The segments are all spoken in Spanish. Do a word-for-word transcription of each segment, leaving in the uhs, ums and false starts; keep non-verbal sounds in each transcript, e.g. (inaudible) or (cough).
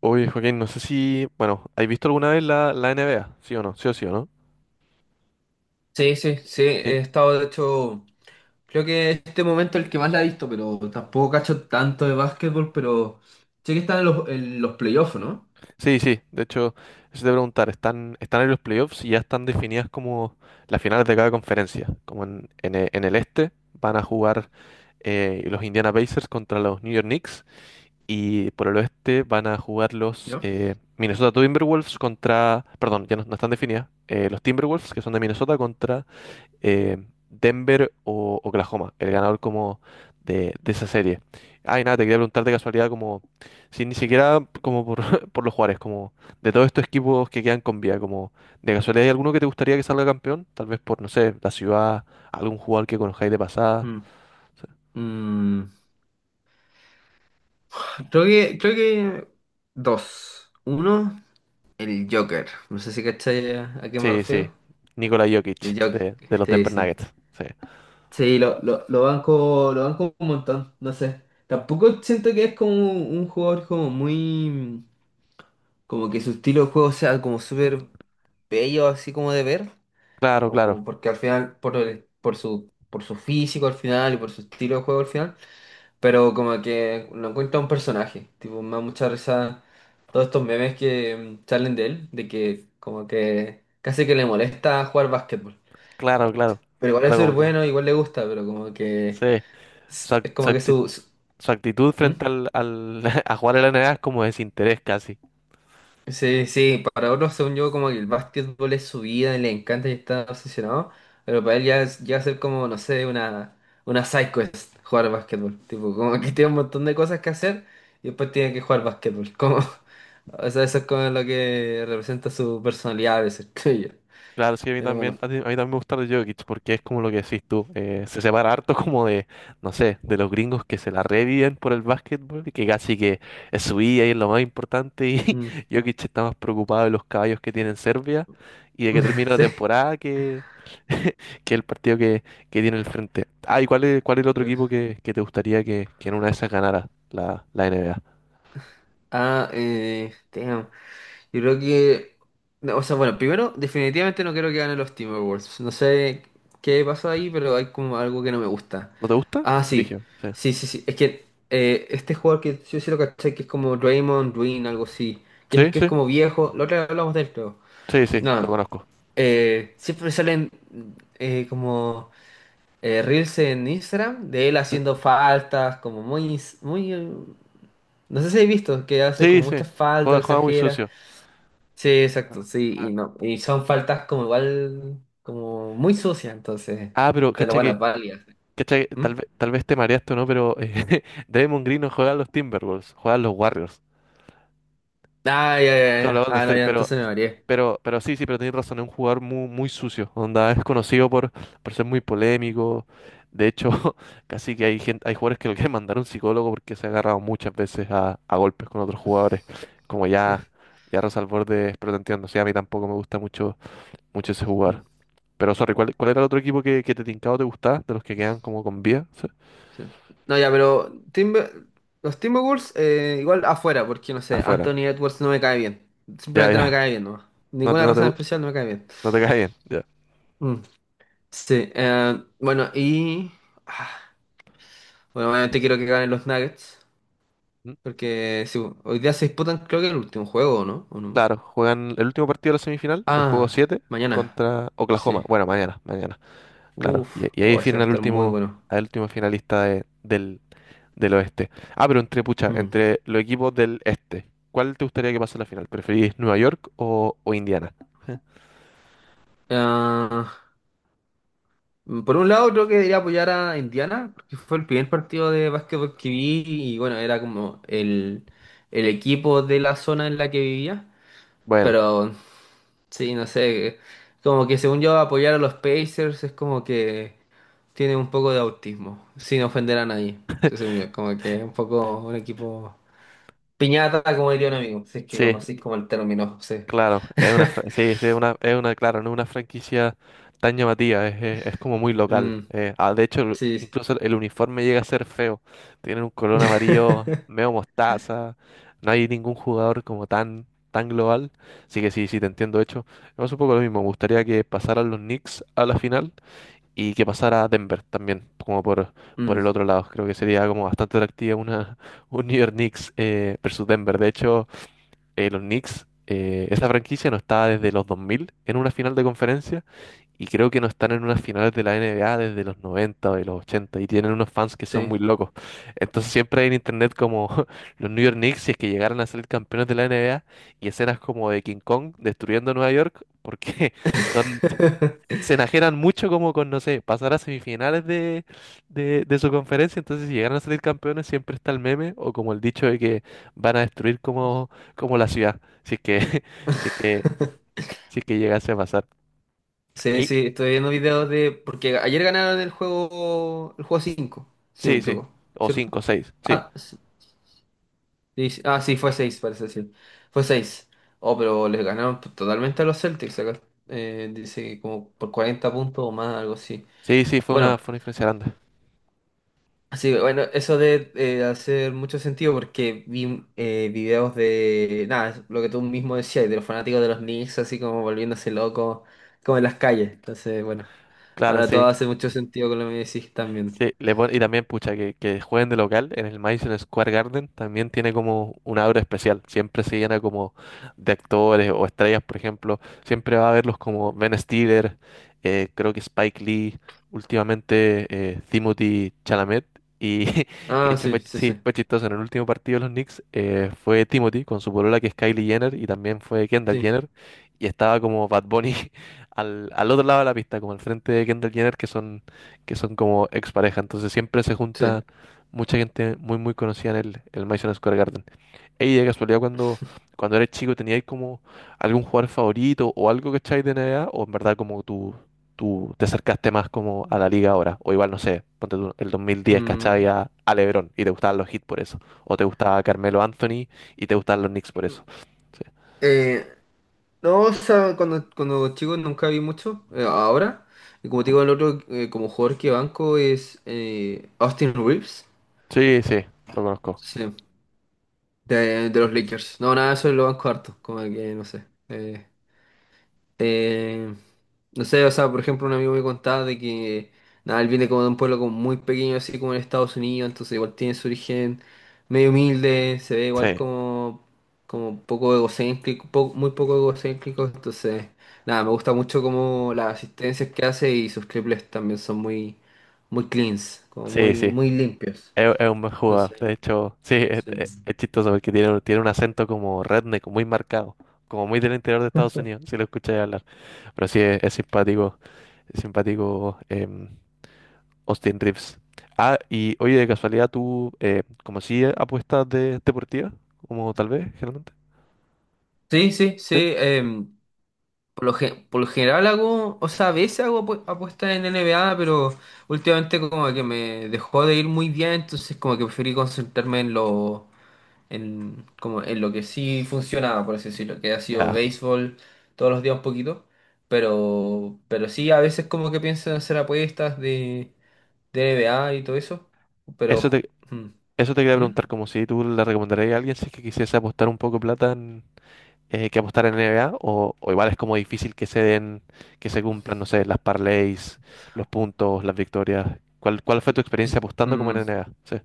Oye, Joaquín, no sé si, bueno, ¿has visto alguna vez la, la N B A? ¿Sí o no? ¿Sí o sí o no? Sí, sí, sí, Sí, he estado, de hecho, creo que este momento es el que más la he visto, pero tampoco cacho tanto de básquetbol, pero sé que están en los, en los playoffs, ¿no? sí, sí. De hecho, eso te iba a preguntar, ¿están, están en los playoffs y ya están definidas como las finales de cada conferencia? Como en, en e- en el este van a jugar eh, los Indiana Pacers contra los New York Knicks y por el oeste van a jugar los ¿No? eh, Minnesota Timberwolves contra, perdón, ya no, no están definidas, eh, los Timberwolves que son de Minnesota contra eh, Denver o Oklahoma, el ganador como de, de esa serie. Ay, nada, te quería preguntar de casualidad como, si ni siquiera como por, (laughs) por los Juárez, como de todos estos equipos que quedan con vida, como de casualidad hay alguno que te gustaría que salga campeón, tal vez por, no sé, la ciudad, algún jugador que conozcáis de pasada. Mm. Mm, Creo que, creo que dos. Uno, el Joker. No sé si cachai a, a qué me Sí, sí, refiero. Nikola Jokic El Joker, de, de los sí, Denver sí. Nuggets. Sí. Sí, lo, lo, lo banco, lo banco un montón, no sé. Tampoco siento que es como un jugador como muy. Como que su estilo de juego sea como súper bello así como de ver, Claro, claro, como porque al final, por el- por su, por su físico al final y por su estilo de juego al final, pero como que no encuentra un personaje, tipo, me da mucha risa todos estos memes que mm, salen de él, de que como que casi que le molesta jugar básquetbol, claro, claro, pero igual es claro súper como que. bueno, igual le gusta, pero como que Sí, su, es act- es su como que acti- su... su- su actitud ¿Mm? frente al, al- (laughs) a jugar en la N B A es como desinterés casi. Sí, sí, para otros, según yo, como que el básquetbol es su vida y le encanta y está obsesionado, pero para él ya es, ya ser como, no sé, una, una side quest jugar básquetbol. Tipo, como que (laughs) tiene un montón de cosas que hacer y después tiene que jugar básquetbol. Como, (laughs) o sea, eso es como lo que representa su personalidad a veces, (laughs) creo yo. Claro, sí, a mí Pero bueno. también, a ti- a mí también me gusta de Jokic porque es como lo que decís tú, eh, se separa harto como de, no sé, de los gringos que se la reviven por el básquetbol y que casi que es su vida y es lo más importante y Mm. (laughs) Jokic está más preocupado de los caballos que tiene en Serbia y de que termine (laughs) la Sí. temporada que, que el partido que, que tiene el frente. Ah, ¿y cuál es, cuál es el otro equipo Uf. que, que te gustaría que, que en una de esas ganara la, la N B A? Ah, eh, damn. Yo creo que, no, o sea, bueno, primero, definitivamente no quiero que ganen los Timberwolves. No sé qué pasó ahí, pero hay como algo que no me gusta. ¿No te gusta? Ah, sí. Brigio, sí. Sí, sí, sí. Es que eh, este jugador que yo sí lo caché, que es como Draymond Green, algo así. Que es, Sí, que es sí, como viejo. La otra vez hablamos de esto. sí, sí, lo Nada. conozco. Eh, siempre salen eh, como eh, reels en Instagram de él Sí, haciendo faltas, como muy, muy, eh, no sé si he visto, que hace sí, como sí, muchas faltas, juega, juega muy exagera. sucio. Sí, exacto, sí, y no, y son faltas como igual, como muy sucias, entonces, Ah, pero pero cacha que, bueno, válidas. cacha que ¿Mm? tal vez, tal vez te mareaste o no, pero eh, (laughs) Draymond Green no juega a los Timberwolves, juega a los Warriors. Ah, ya, ya, Claro, ya, los Golden ah, no, State, ya, pero, entonces me mareé. pero, pero sí, sí, pero tenés razón, es un jugador muy, muy sucio, onda, es conocido por, por ser muy polémico. De hecho, (laughs) casi que hay gente, hay jugadores que lo quieren mandar a un psicólogo porque se ha agarrado muchas veces a, a golpes con otros jugadores. Como ya, (laughs) ya Rosa al borde, pero te entiendo, sí, a mí tampoco me gusta mucho, mucho ese Mm, jugador. Pero sorry, ¿cuál, cuál era el otro equipo que, que te tincaba o te gustaba, de los que quedan como con vía? sí. No, ya, pero Timber- los Timberwolves eh, igual afuera, porque no sé, Afuera. Anthony Edwards no me cae bien, Ya, simplemente no me ya. cae bien, no, No te, ninguna no te, razón especial no me cae bien. no te cae bien. Ya. Mm, sí, eh, bueno, y, ah, bueno, obviamente quiero que ganen los Nuggets, Mm. porque sí, hoy día se disputan creo que el último juego, ¿no? ¿O no? Claro, juegan el último partido de la semifinal, el juego Ah, siete mañana. contra Oklahoma. Sí. Bueno, mañana, mañana. Claro. Y, Uf, y ahí oh, ese va definen a al estar muy último, bueno. al último finalista de- del, del oeste. Ah, pero entre, pucha, Mm. entre los equipos del este. ¿Cuál te gustaría que pase en la final? ¿Preferís Nueva York o, o Indiana? (laughs) Ah, mm, por un lado, creo que debería apoyar a Indiana, porque fue el primer partido de básquetbol que vi y bueno, era como el, el equipo de la zona en la que vivía. Bueno, Pero sí, no sé, como que según yo apoyar a los Pacers es como que tiene un poco de autismo, sin ofender a nadie. Según yo, como que es un poco un equipo Piñata, como diría un amigo, si es que sí. conocís como el término, sí. Claro, es (laughs) una, fra- sí, sí, es una, es una, claro, no es una franquicia tan llamativa, es, es- es como muy local. Mm, Eh, ah, de hecho, el- sí. incluso el uniforme llega a ser feo. Tienen un color amarillo medio (laughs) mostaza, no hay ningún jugador como tan, tan global. Así que sí, sí, te entiendo. De hecho, es un poco lo mismo. Me gustaría que pasaran los Knicks a la final y que pasara Denver también, como por, por el Mm, otro lado. Creo que sería como bastante atractiva una, un New York Knicks eh, versus Denver. De hecho eh, los Knicks, eh, esa franquicia no estaba desde los dos mil en una final de conferencia y creo que no están en unas finales de la N B A desde los noventa o de los ochenta y tienen unos fans que son sí. muy locos. Entonces siempre hay en internet como (laughs) los New York Knicks si es que llegaran a ser campeones de la N B A y escenas como de King Kong destruyendo Nueva York porque (laughs) son (laughs) se enajenan mucho como con, no sé, pasar a semifinales de, de, de su conferencia, entonces si llegan a salir campeones siempre está el meme o como el dicho de que van a destruir como, como la ciudad, si es que, (laughs) si es que, si es que llegase a pasar. Sí, Ey, sí, estoy viendo videos de. Porque ayer ganaron el juego, el juego cinco, si no sí, me sí, equivoco, o ¿cierto? cinco, seis, sí, Ah, sí, sí, ah, sí, fue seis parece decir. Fue seis, oh, pero les ganaron totalmente a los Celtics acá. Eh, dice que como por cuarenta puntos o más, algo así. sí, sí, fue una, Bueno, fue una diferencia grande, sí, bueno, eso de eh, hacer mucho sentido porque vi eh, videos de, nada, es lo que tú mismo decías, de los fanáticos de los Knicks, así como volviéndose locos, como en las calles. Entonces, bueno, claro, ahora todo sí. hace mucho sentido con lo que me decís también. Sí, le pon- y también, pucha, que, que jueguen de local en el Madison Square Garden también tiene como una aura especial. Siempre se llena como de actores o estrellas, por ejemplo. Siempre va a verlos como Ben Stiller, eh, creo que Spike Lee, últimamente eh, Timothée Chalamet. Y (laughs) que de Ah, hecho sí, fue, sí, sí, sí, fue chistoso. En el último partido de los Knicks eh, fue Timothy con su polola que es Kylie Jenner y también fue Kendall sí, Jenner. Y estaba como Bad Bunny (laughs) al, al otro lado de la pista, como al frente de Kendall Jenner, que son que son como expareja. Entonces siempre se sí. junta mucha gente muy, muy conocida en el, el Madison Square Garden. Ey, de casualidad, cuando, (laughs) cuando eres chico, ¿tenías como algún jugador favorito o algo que echáis de N B A? ¿O en verdad como tú, tú te acercaste más como a la liga ahora? O igual, no sé, ponte tú, el dos mil diez, ¿cachai? Mm. A, a LeBron y te gustaban los hits por eso. O te gustaba Carmelo Anthony y te gustaban los Knicks por eso. Sí, Eh, no, o sea, cuando, cuando chico nunca vi mucho, eh, ahora, y como te ajá. digo, el otro eh, como jugador que banco es eh, Austin Reeves. Sí, sí, lo conozco. Sí. De, de los Lakers. No, nada, eso lo banco harto. Como que, no sé. Eh, eh, no sé, o sea, por ejemplo, un amigo me contaba de que, nada, él viene como de un pueblo como muy pequeño, así como en Estados Unidos, entonces igual tiene su origen medio humilde, se ve igual Sí, como, como poco egocéntrico, po- muy poco egocéntrico, entonces, nada, me gusta mucho como las asistencias que hace y sus triples también son muy, muy cleans, como sí, sí. muy, muy limpios. Es, es un buen jugador. Entonces, De hecho, sí, es, sí. es- es chistoso porque tiene, tiene un acento como redneck, muy marcado, como muy del interior de Estados Unidos, si lo escucháis hablar. Pero sí, es, es simpático, es simpático em, Austin Reeves. Ah, y oye, de casualidad, ¿tú eh, como si apuestas de deportivas? Como tal vez, generalmente. Sí, sí, Sí. sí. em, Por lo, gen- por lo general hago, o sea, a veces hago apu- apuestas en N B A pero últimamente como que me dejó de ir muy bien, entonces como que preferí concentrarme en lo, en, como en lo que sí funcionaba, por así decirlo, que ha sido Ya, béisbol todos los días un poquito, pero, pero, sí, a veces como que pienso en hacer apuestas de, de N B A y todo eso, pero. eso ju- te, mm, eso te quería ¿Mm? preguntar, como si tú le recomendarías a alguien si es que quisiese apostar un poco de plata eh, que apostar en N B A o, o igual es como difícil que se den, que se cumplan, no sé, las parlays, los puntos, las victorias. ¿Cuál, cuál fue tu experiencia Es- apostando como en mm, N B A? Sí.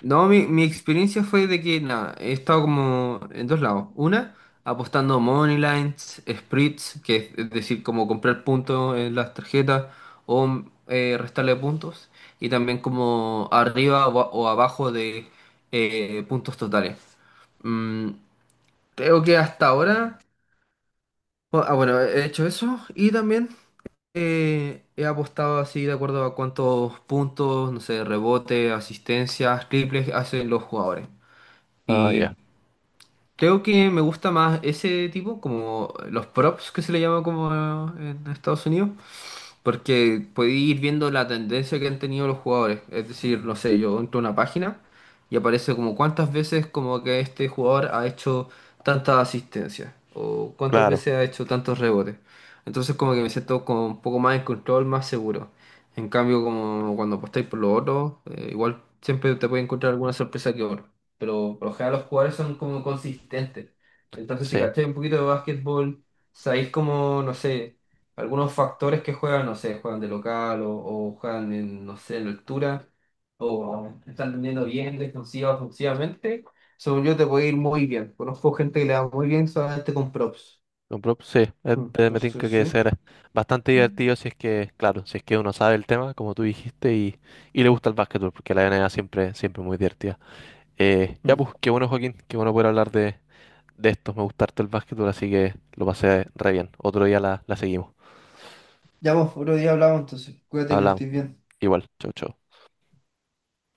No, mi, mi experiencia fue de que nada, he estado como en dos lados. Una, apostando money lines, spreads, que es decir, como comprar puntos en las tarjetas o eh, restarle puntos. Y también como arriba o, a- o abajo de eh, puntos totales. Mm, Creo que hasta ahora, bu- ah, bueno, he hecho eso y también eh, he apostado así de acuerdo a cuántos puntos, no sé, rebote, asistencias, triples hacen los jugadores. Ah, Y ya. creo que me gusta más ese tipo, como los props que se le llama como en Estados Unidos, porque podéis ir viendo la tendencia que han tenido los jugadores. Es decir, no sé, yo entro a una página y aparece como cuántas veces como que este jugador ha hecho tantas asistencias o cuántas Claro. veces ha hecho tantos rebotes. Entonces como que me siento como un poco más en control, más seguro. En cambio, como cuando apostáis por los otros, eh, igual siempre te puede encontrar alguna sorpresa que otra. Pero por lo general los jugadores son como consistentes. Entonces si Sí. cacháis un poquito de básquetbol, sabéis como, no sé algunos factores que juegan, no sé, juegan de local o, o, juegan en, no sé, en altura o están vendiendo bien defensiva, ofensivamente, según yo te puede ir muy bien. Conozco gente que le va muy bien solamente con props. Con prop- Sí, es- Mm, eh, me Entonces, tinca que debe sí. ser bastante divertido si es que, claro, si es que uno sabe el tema, como tú dijiste, y, y le gusta el básquetbol, porque la N B A siempre, siempre es muy divertida. Eh, ya Mm. pues, qué bueno Joaquín, qué bueno poder hablar de, de esto, me gusta harto el básquetbol, así que lo pasé re bien. Otro día la, la seguimos. Ya vos, otro día hablamos entonces. Cuídate que Hablamos. estés bien. Igual, chau, chau.